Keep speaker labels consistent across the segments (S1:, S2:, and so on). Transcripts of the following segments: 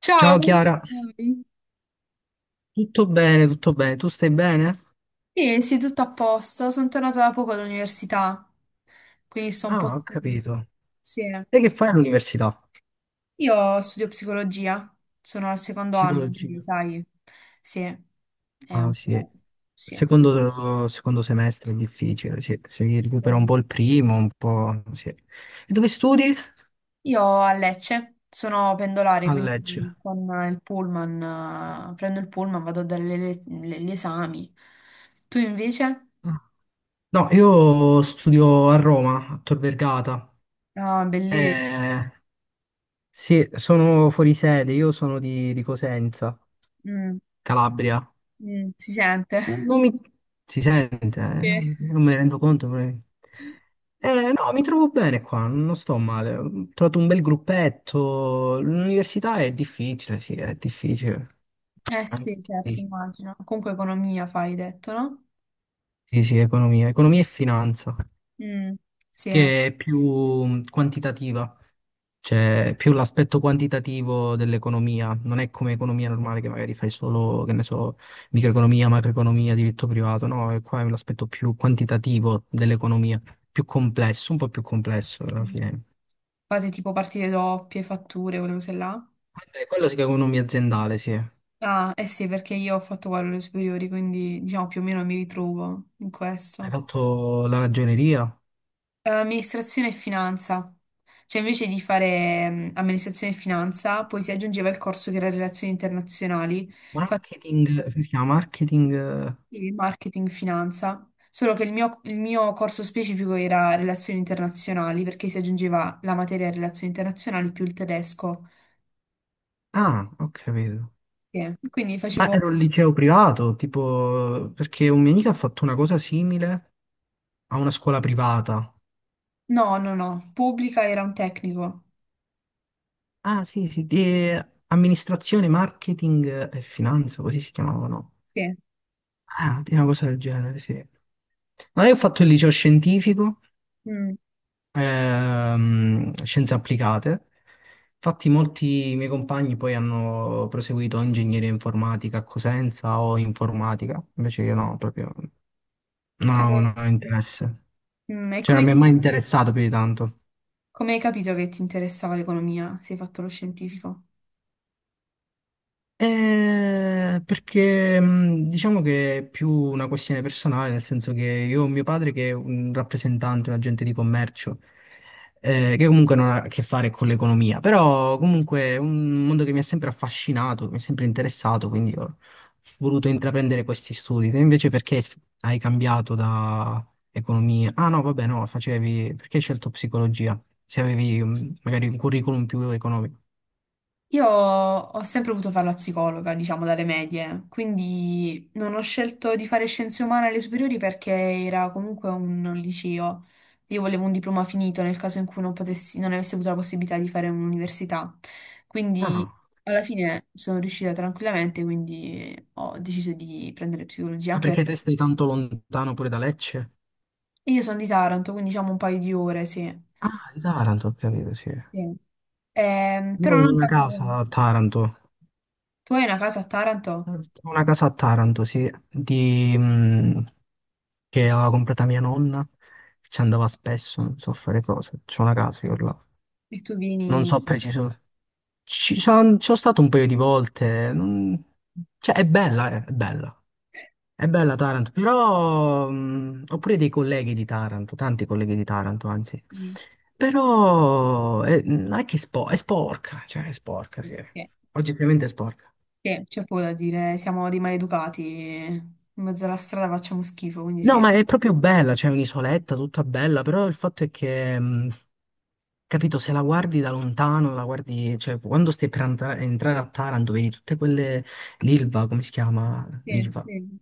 S1: Ciao,
S2: Ciao
S1: come
S2: Chiara,
S1: stai?
S2: tutto bene, tu stai bene?
S1: Sì, sì, tutto a posto. Sono tornata da poco dall'università, quindi sto un
S2: Ah,
S1: po'
S2: ho
S1: stanca.
S2: capito.
S1: Sì.
S2: E che fai all'università?
S1: Io studio psicologia, sono al secondo anno, quindi
S2: Psicologia.
S1: sai, sì, è
S2: Ah,
S1: un
S2: sì.
S1: po'. Sì.
S2: Secondo semestre è difficile, sì. Si recupera un
S1: Eh,
S2: po' il primo, un po', sì. E dove studi?
S1: Io a Lecce sono pendolare,
S2: A Lecce.
S1: quindi con il pullman, prendo il pullman, vado a dare gli esami. Tu invece?
S2: Ah. No, io studio a Roma, a Tor Vergata.
S1: Ah, bellissimo.
S2: Eh, sì, sono fuori sede, io sono di Cosenza,
S1: Mm,
S2: Calabria.
S1: mm, si sente.
S2: Mm, non mi si sente, non me
S1: Sì.
S2: ne rendo conto. Però no, mi trovo bene qua, non sto male. Ho trovato un bel gruppetto. L'università è difficile, sì, è difficile.
S1: Eh
S2: Anzi,
S1: sì, certo,
S2: sì,
S1: immagino. Comunque economia fai, hai detto, no?
S2: sì, sì, economia, economia e finanza,
S1: Mm, sì. Eh.
S2: che è più quantitativa. C'è più l'aspetto quantitativo dell'economia, non è come economia normale che magari fai solo, che ne so, microeconomia, macroeconomia, diritto privato, no, e qua è l'aspetto più quantitativo dell'economia, più complesso, un po' più complesso alla fine.
S1: Fate tipo partite doppie, fatture, quelle cose là.
S2: Vabbè, quello si chiama economia aziendale, sì. Hai
S1: Ah, eh sì, perché io ho fatto quello alle superiori, quindi diciamo più o meno mi ritrovo in questo.
S2: fatto la ragioneria?
S1: Amministrazione e finanza. Cioè invece di fare amministrazione e finanza, poi si aggiungeva il corso che era relazioni internazionali.
S2: Marketing, come si chiama? Marketing...
S1: Sì, marketing, finanza, solo che il mio corso specifico era relazioni internazionali perché si aggiungeva la materia relazioni internazionali più il tedesco.
S2: Ah, ho capito.
S1: Sì. Quindi
S2: Ma
S1: facevo,
S2: era un liceo privato, tipo, perché un mio amico ha fatto una cosa simile a una scuola privata.
S1: no, no, no, pubblica era un tecnico.
S2: Ah, sì, sì, di amministrazione, marketing e finanza, così si chiamavano.
S1: Sì.
S2: Ah, di una cosa del genere, sì. No, io ho fatto il liceo scientifico,
S1: Mm.
S2: scienze applicate. Infatti molti miei compagni poi hanno proseguito ingegneria informatica a Cosenza o informatica, invece io no, proprio
S1: Come,
S2: non ho interesse.
S1: mm, e
S2: Cioè non
S1: come,
S2: mi è mai interessato più di tanto.
S1: come hai capito che ti interessava l'economia? Sei fatto lo scientifico?
S2: Perché diciamo che è più una questione personale, nel senso che io ho mio padre che è un rappresentante, un agente di commercio, che comunque non ha a che fare con l'economia, però comunque è un mondo che mi ha sempre affascinato, mi è sempre interessato, quindi ho voluto intraprendere questi studi. Te invece perché hai cambiato da economia? Ah no, vabbè, no, facevi... perché hai scelto psicologia? Se avevi magari un curriculum più economico.
S1: Io ho sempre voluto fare la psicologa, diciamo, dalle medie, quindi non ho scelto di fare scienze umane alle superiori perché era comunque un liceo. Io volevo un diploma finito nel caso in cui non potessi, non avessi avuto la possibilità di fare un'università. Quindi
S2: Ah,
S1: alla fine sono riuscita tranquillamente, quindi ho deciso di prendere psicologia,
S2: ma
S1: anche
S2: perché
S1: perché
S2: te stai tanto lontano pure da Lecce?
S1: io sono di Taranto, quindi diciamo un paio di ore, sì.
S2: Ah, di Taranto, ho capito, sì. Io
S1: Sì.
S2: ho
S1: Però non
S2: una
S1: tanto.
S2: casa a Taranto, ho
S1: Tu hai una casa a Taranto
S2: una casa a Taranto, sì, che aveva comprata mia nonna, che ci andava spesso, non so fare cose, c'ho una casa io là.
S1: e tu
S2: Non
S1: vieni.
S2: so preciso, ci sono stato un paio di volte, non- cioè è bella, è bella. È bella Taranto, però ho pure dei colleghi di Taranto, tanti colleghi di Taranto, anzi.
S1: Mm.
S2: Però non è che è, spo- è sporca, cioè è sporca,
S1: Sì,
S2: sì.
S1: sì.
S2: Oggettivamente è sporca.
S1: Sì, c'è poco da dire, siamo dei maleducati, in mezzo alla strada facciamo schifo, quindi
S2: No,
S1: sì.
S2: ma è proprio bella, c'è un'isoletta tutta bella, però il fatto è che, capito, se la guardi da lontano, la guardi, cioè quando stai per andare- entrare a Taranto, vedi tutte quelle, l'Ilva, come si chiama?
S1: Sì,
S2: L'Ilva.
S1: sì.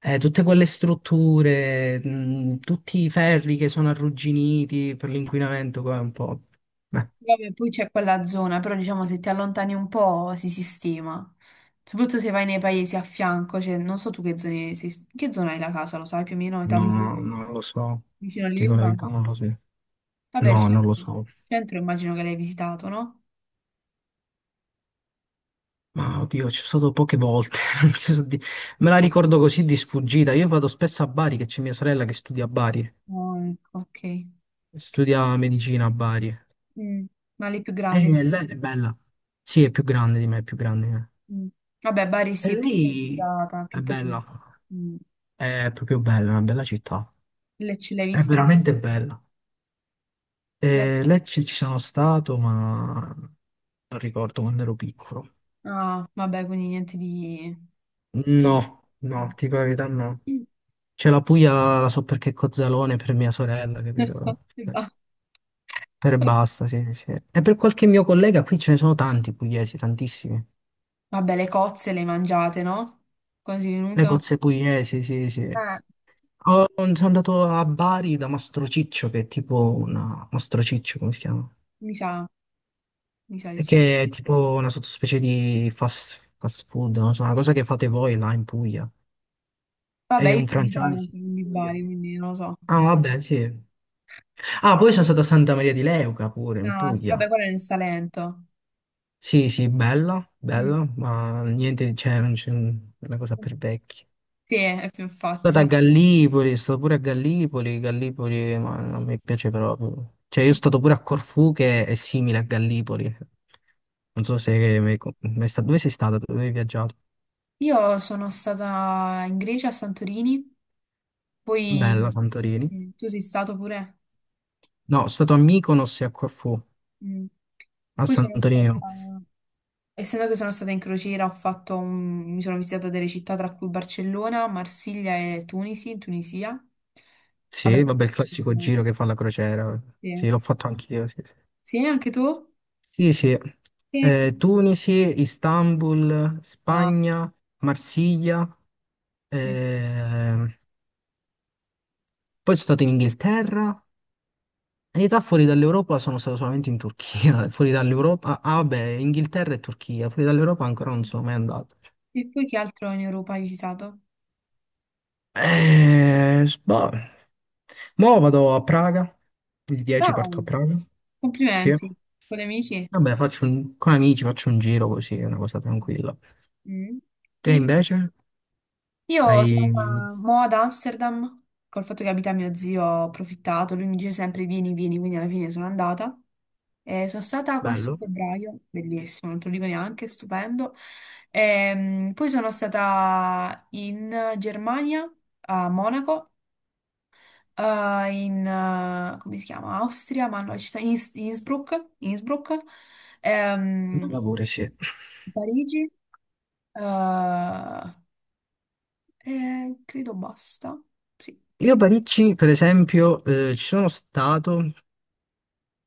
S2: Tutte quelle strutture, tutti i ferri che sono arrugginiti per l'inquinamento, qua è un po'... Beh,
S1: Vabbè, poi c'è quella zona, però diciamo se ti allontani un po' si sistema, soprattutto se vai nei paesi a fianco, cioè non so tu che zone, che zona hai la casa, lo sai più o meno, i
S2: no,
S1: tamburi,
S2: no, non lo so.
S1: vicino
S2: Dico la
S1: all'Ilva?
S2: verità, non lo so.
S1: Vabbè, il
S2: No, non lo
S1: centro,
S2: so.
S1: centro immagino che l'hai visitato, no?
S2: Ma oddio, ci sono stato poche volte. Non ti so di- me la ricordo così di sfuggita. Io vado spesso a Bari, che c'è mia sorella che studia a Bari.
S1: Oh, ecco, ok. Ok.
S2: Studia medicina a Bari.
S1: Mm. Ma le più
S2: E
S1: grandi.
S2: lei è bella. Sì, è più grande di me, è più grande di me.
S1: Mm. Vabbè, Bari
S2: E
S1: sì, è più
S2: lei
S1: organizzata,
S2: è
S1: più
S2: bella.
S1: pulita. Mm.
S2: È proprio bella, è una bella città.
S1: Le ce l'hai
S2: È
S1: viste, invece?
S2: veramente bella.
S1: Le-
S2: Lecce ci sono stato, ma non ricordo quando ero piccolo.
S1: Ah, vabbè, quindi niente di.
S2: No, no,
S1: Mm.
S2: ti dico la verità, no. C'è la Puglia, la so perché è Cozzalone per mia sorella, capito?
S1: E basta.
S2: Per e basta, sì, sì. E per qualche mio collega qui ce ne sono tanti pugliesi, tantissimi.
S1: Vabbè, le cozze le hai mangiate, no? Quasi
S2: Le
S1: venuto?
S2: cozze pugliesi, sì, sì.
S1: Eh,
S2: Ho- sono andato a Bari da Mastrociccio, che è tipo una... Mastrociccio, come si chiama?
S1: mi sa, mi sa di
S2: E
S1: sì.
S2: che è tipo una sottospecie di fast food, non so, una cosa che fate voi là in Puglia.
S1: Vabbè,
S2: È
S1: io
S2: un
S1: sono di
S2: franchise
S1: Taranto, non di
S2: in Puglia.
S1: Bari, quindi non lo so.
S2: Ah, vabbè, sì. Ah, poi sono stato a Santa Maria di Leuca pure, in
S1: Ah, sì,
S2: Puglia.
S1: vabbè, quello è nel Salento.
S2: Sì, sì, bella,
S1: Mm.
S2: bella, ma niente, cioè, non c'è un- una cosa per vecchi.
S1: Sì, è più infatti.
S2: Sono stato a Gallipoli, sono stato pure a Gallipoli, Gallipoli, ma non mi piace proprio. Cioè, io sono stato pure a Corfù che è simile a Gallipoli. Non so se... mi- mi sta- dove sei stato? Dove hai viaggiato?
S1: Io sono stata in Grecia, a Santorini. Poi
S2: Bella, Santorini.
S1: tu sei stato pure?
S2: No, sono stato a Mykonos e a Corfù.
S1: Mm.
S2: A
S1: Poi sono
S2: Santorini
S1: stata,
S2: no.
S1: essendo che sono stata in crociera, ho mi sono visitata delle città tra cui Barcellona, Marsiglia e Tunisi, in Tunisia. Vabbè,
S2: Sì, vabbè, il classico giro che fa la crociera.
S1: sì.
S2: Sì, l'ho fatto anch'io. Sì, sì.
S1: Sì, anche tu?
S2: Sì, sì.
S1: E cro-
S2: Tunisi, Istanbul,
S1: Ah.
S2: Spagna, Marsiglia.
S1: Mm.
S2: ehm, Poi sono stato in Inghilterra. In realtà fuori dall'Europa sono stato solamente in Turchia. Fuori dall'Europa. Ah, ah, vabbè, Inghilterra e Turchia. Fuori dall'Europa ancora non sono mai andato. Cioè
S1: E poi che altro in Europa hai visitato?
S2: Boh. Mo vado a Praga, il 10
S1: Ah,
S2: parto a Praga, sì.
S1: complimenti, con gli amici?
S2: Vabbè, faccio un- con amici faccio un giro così, è una cosa tranquilla.
S1: Mm.
S2: Te
S1: Poi?
S2: invece?
S1: Io sono
S2: Hai...
S1: stata mo ad Amsterdam, col fatto che abita mio zio, ho approfittato, lui mi dice sempre vieni, vieni, quindi alla fine sono andata. E sono stata questo
S2: bello?
S1: febbraio, bellissimo, non te lo dico neanche, stupendo. Poi sono stata in Germania, a Monaco, in, come si chiama? Austria, ma no, la città Innsbruck, Innsbruck, ehm,
S2: Bella pure, sì.
S1: Parigi, eh, e credo basta. Sì,
S2: Io a
S1: cre-
S2: Parigi, per esempio, ci sono stato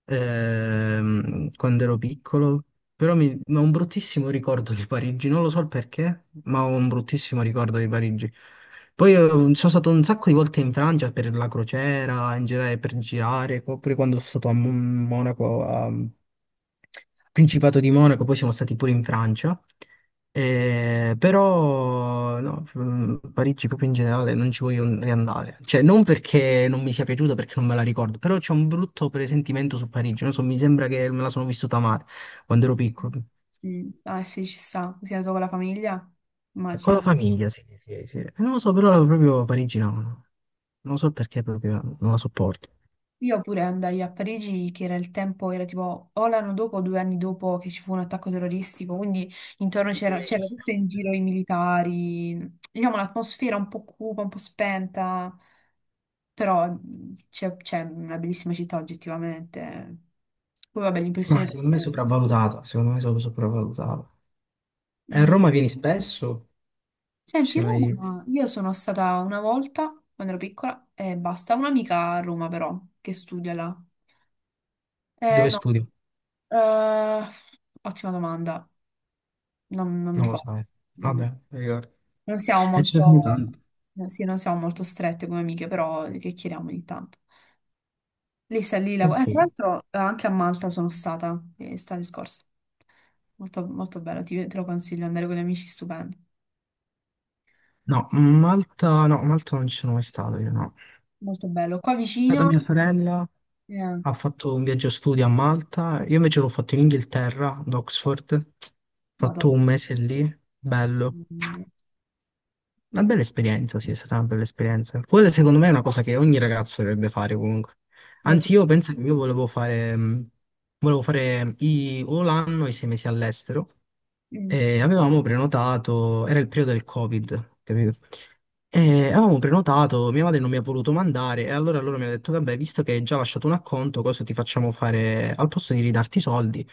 S2: quando ero piccolo, però mi... ho un bruttissimo ricordo di Parigi, non lo so il perché, ma ho un bruttissimo ricordo di Parigi. Poi sono stato un sacco di volte in Francia per la crociera, in generale per girare, oppure quando sono stato a Mon- Monaco, a, Principato di Monaco, poi siamo stati pure in Francia. Però no, Parigi proprio in generale non ci voglio riandare, cioè non perché non mi sia piaciuta, perché non me la ricordo, però c'è un brutto presentimento su Parigi, non so, mi sembra che me la sono vissuta male quando ero piccolo.
S1: Mm. Ah sì, ci sta, sei andato con la famiglia?
S2: Con la
S1: Immagino.
S2: famiglia, sì, sì, sì. E non lo so, però proprio parigina no. No. Non lo so perché proprio non la sopporto.
S1: Io pure andai a Parigi, che era il tempo, era tipo o l'anno dopo o 2 anni dopo che ci fu un attacco terroristico, quindi intorno
S2: E tu
S1: c'era
S2: invece
S1: c'era
S2: sì.
S1: tutto in giro i militari, diciamo l'atmosfera un po' cupa, un po' spenta, però c'è una bellissima città oggettivamente. Poi vabbè,
S2: Ma
S1: l'impressione.
S2: secondo me è sopravvalutata, secondo me è sopravvalutata. E a
S1: Mm.
S2: Roma vieni spesso? Ci
S1: Senti,
S2: sei mai...
S1: Roma, io sono stata una volta quando ero piccola e basta, un'amica a Roma però, che studia là. Eh
S2: dove
S1: no,
S2: studi?
S1: eh, ottima domanda, non mi
S2: Non lo
S1: ricordo.
S2: sai.
S1: Mm.
S2: Vabbè, mi ricordo.
S1: Non siamo
S2: E ci sono
S1: molto,
S2: tanto.
S1: no, sì, non siamo molto strette come amiche, però che chiediamo ogni tanto. Lei sta lì,
S2: Eh
S1: tra
S2: sì.
S1: l'altro anche a Malta sono stata, estate scorsa, molto, molto bello, te lo consiglio, andare con gli amici, stupendo,
S2: No, Malta, no, Malta non ci sono mai stato io, no. È
S1: molto bello. Qua
S2: stata
S1: vicino,
S2: mia sorella,
S1: eh,
S2: ha fatto un viaggio studio a Malta, io invece l'ho fatto in Inghilterra, ad Oxford, ho fatto un
S1: vado,
S2: mese lì, bello.
S1: mm,
S2: Una bella esperienza, sì, è stata una bella esperienza. Quella secondo me è una cosa che ogni ragazzo dovrebbe fare comunque.
S1: viaggio.
S2: Anzi, io penso che io volevo fare i- o l'anno o i 6 mesi all'estero,
S1: Mm.
S2: e avevamo prenotato, era il periodo del Covid, capito? E avevamo prenotato, mia madre non mi ha voluto mandare e allora loro mi hanno detto, vabbè, visto che hai già lasciato un acconto, cosa ti facciamo fare? Al posto di ridarti i soldi,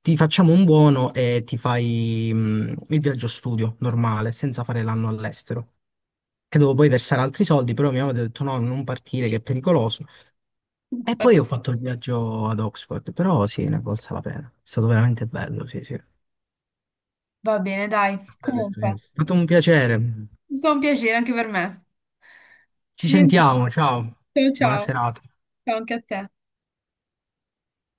S2: ti facciamo un buono e ti fai il viaggio studio normale, senza fare l'anno all'estero. Che dovevo poi versare altri soldi, però mia madre ha detto no, non partire, che è pericoloso. E
S1: Va
S2: poi ho fatto il viaggio ad Oxford, però sì, ne è valsa la pena. È stato veramente bello, sì, sì.
S1: va bene, dai.
S2: Bella
S1: Comunque,
S2: esperienza. È stato un piacere.
S1: è stato un piacere anche per me.
S2: Ci
S1: Ci sentiamo.
S2: sentiamo, ciao.
S1: Ciao,
S2: Buona
S1: ciao.
S2: serata.
S1: Ciao anche a te.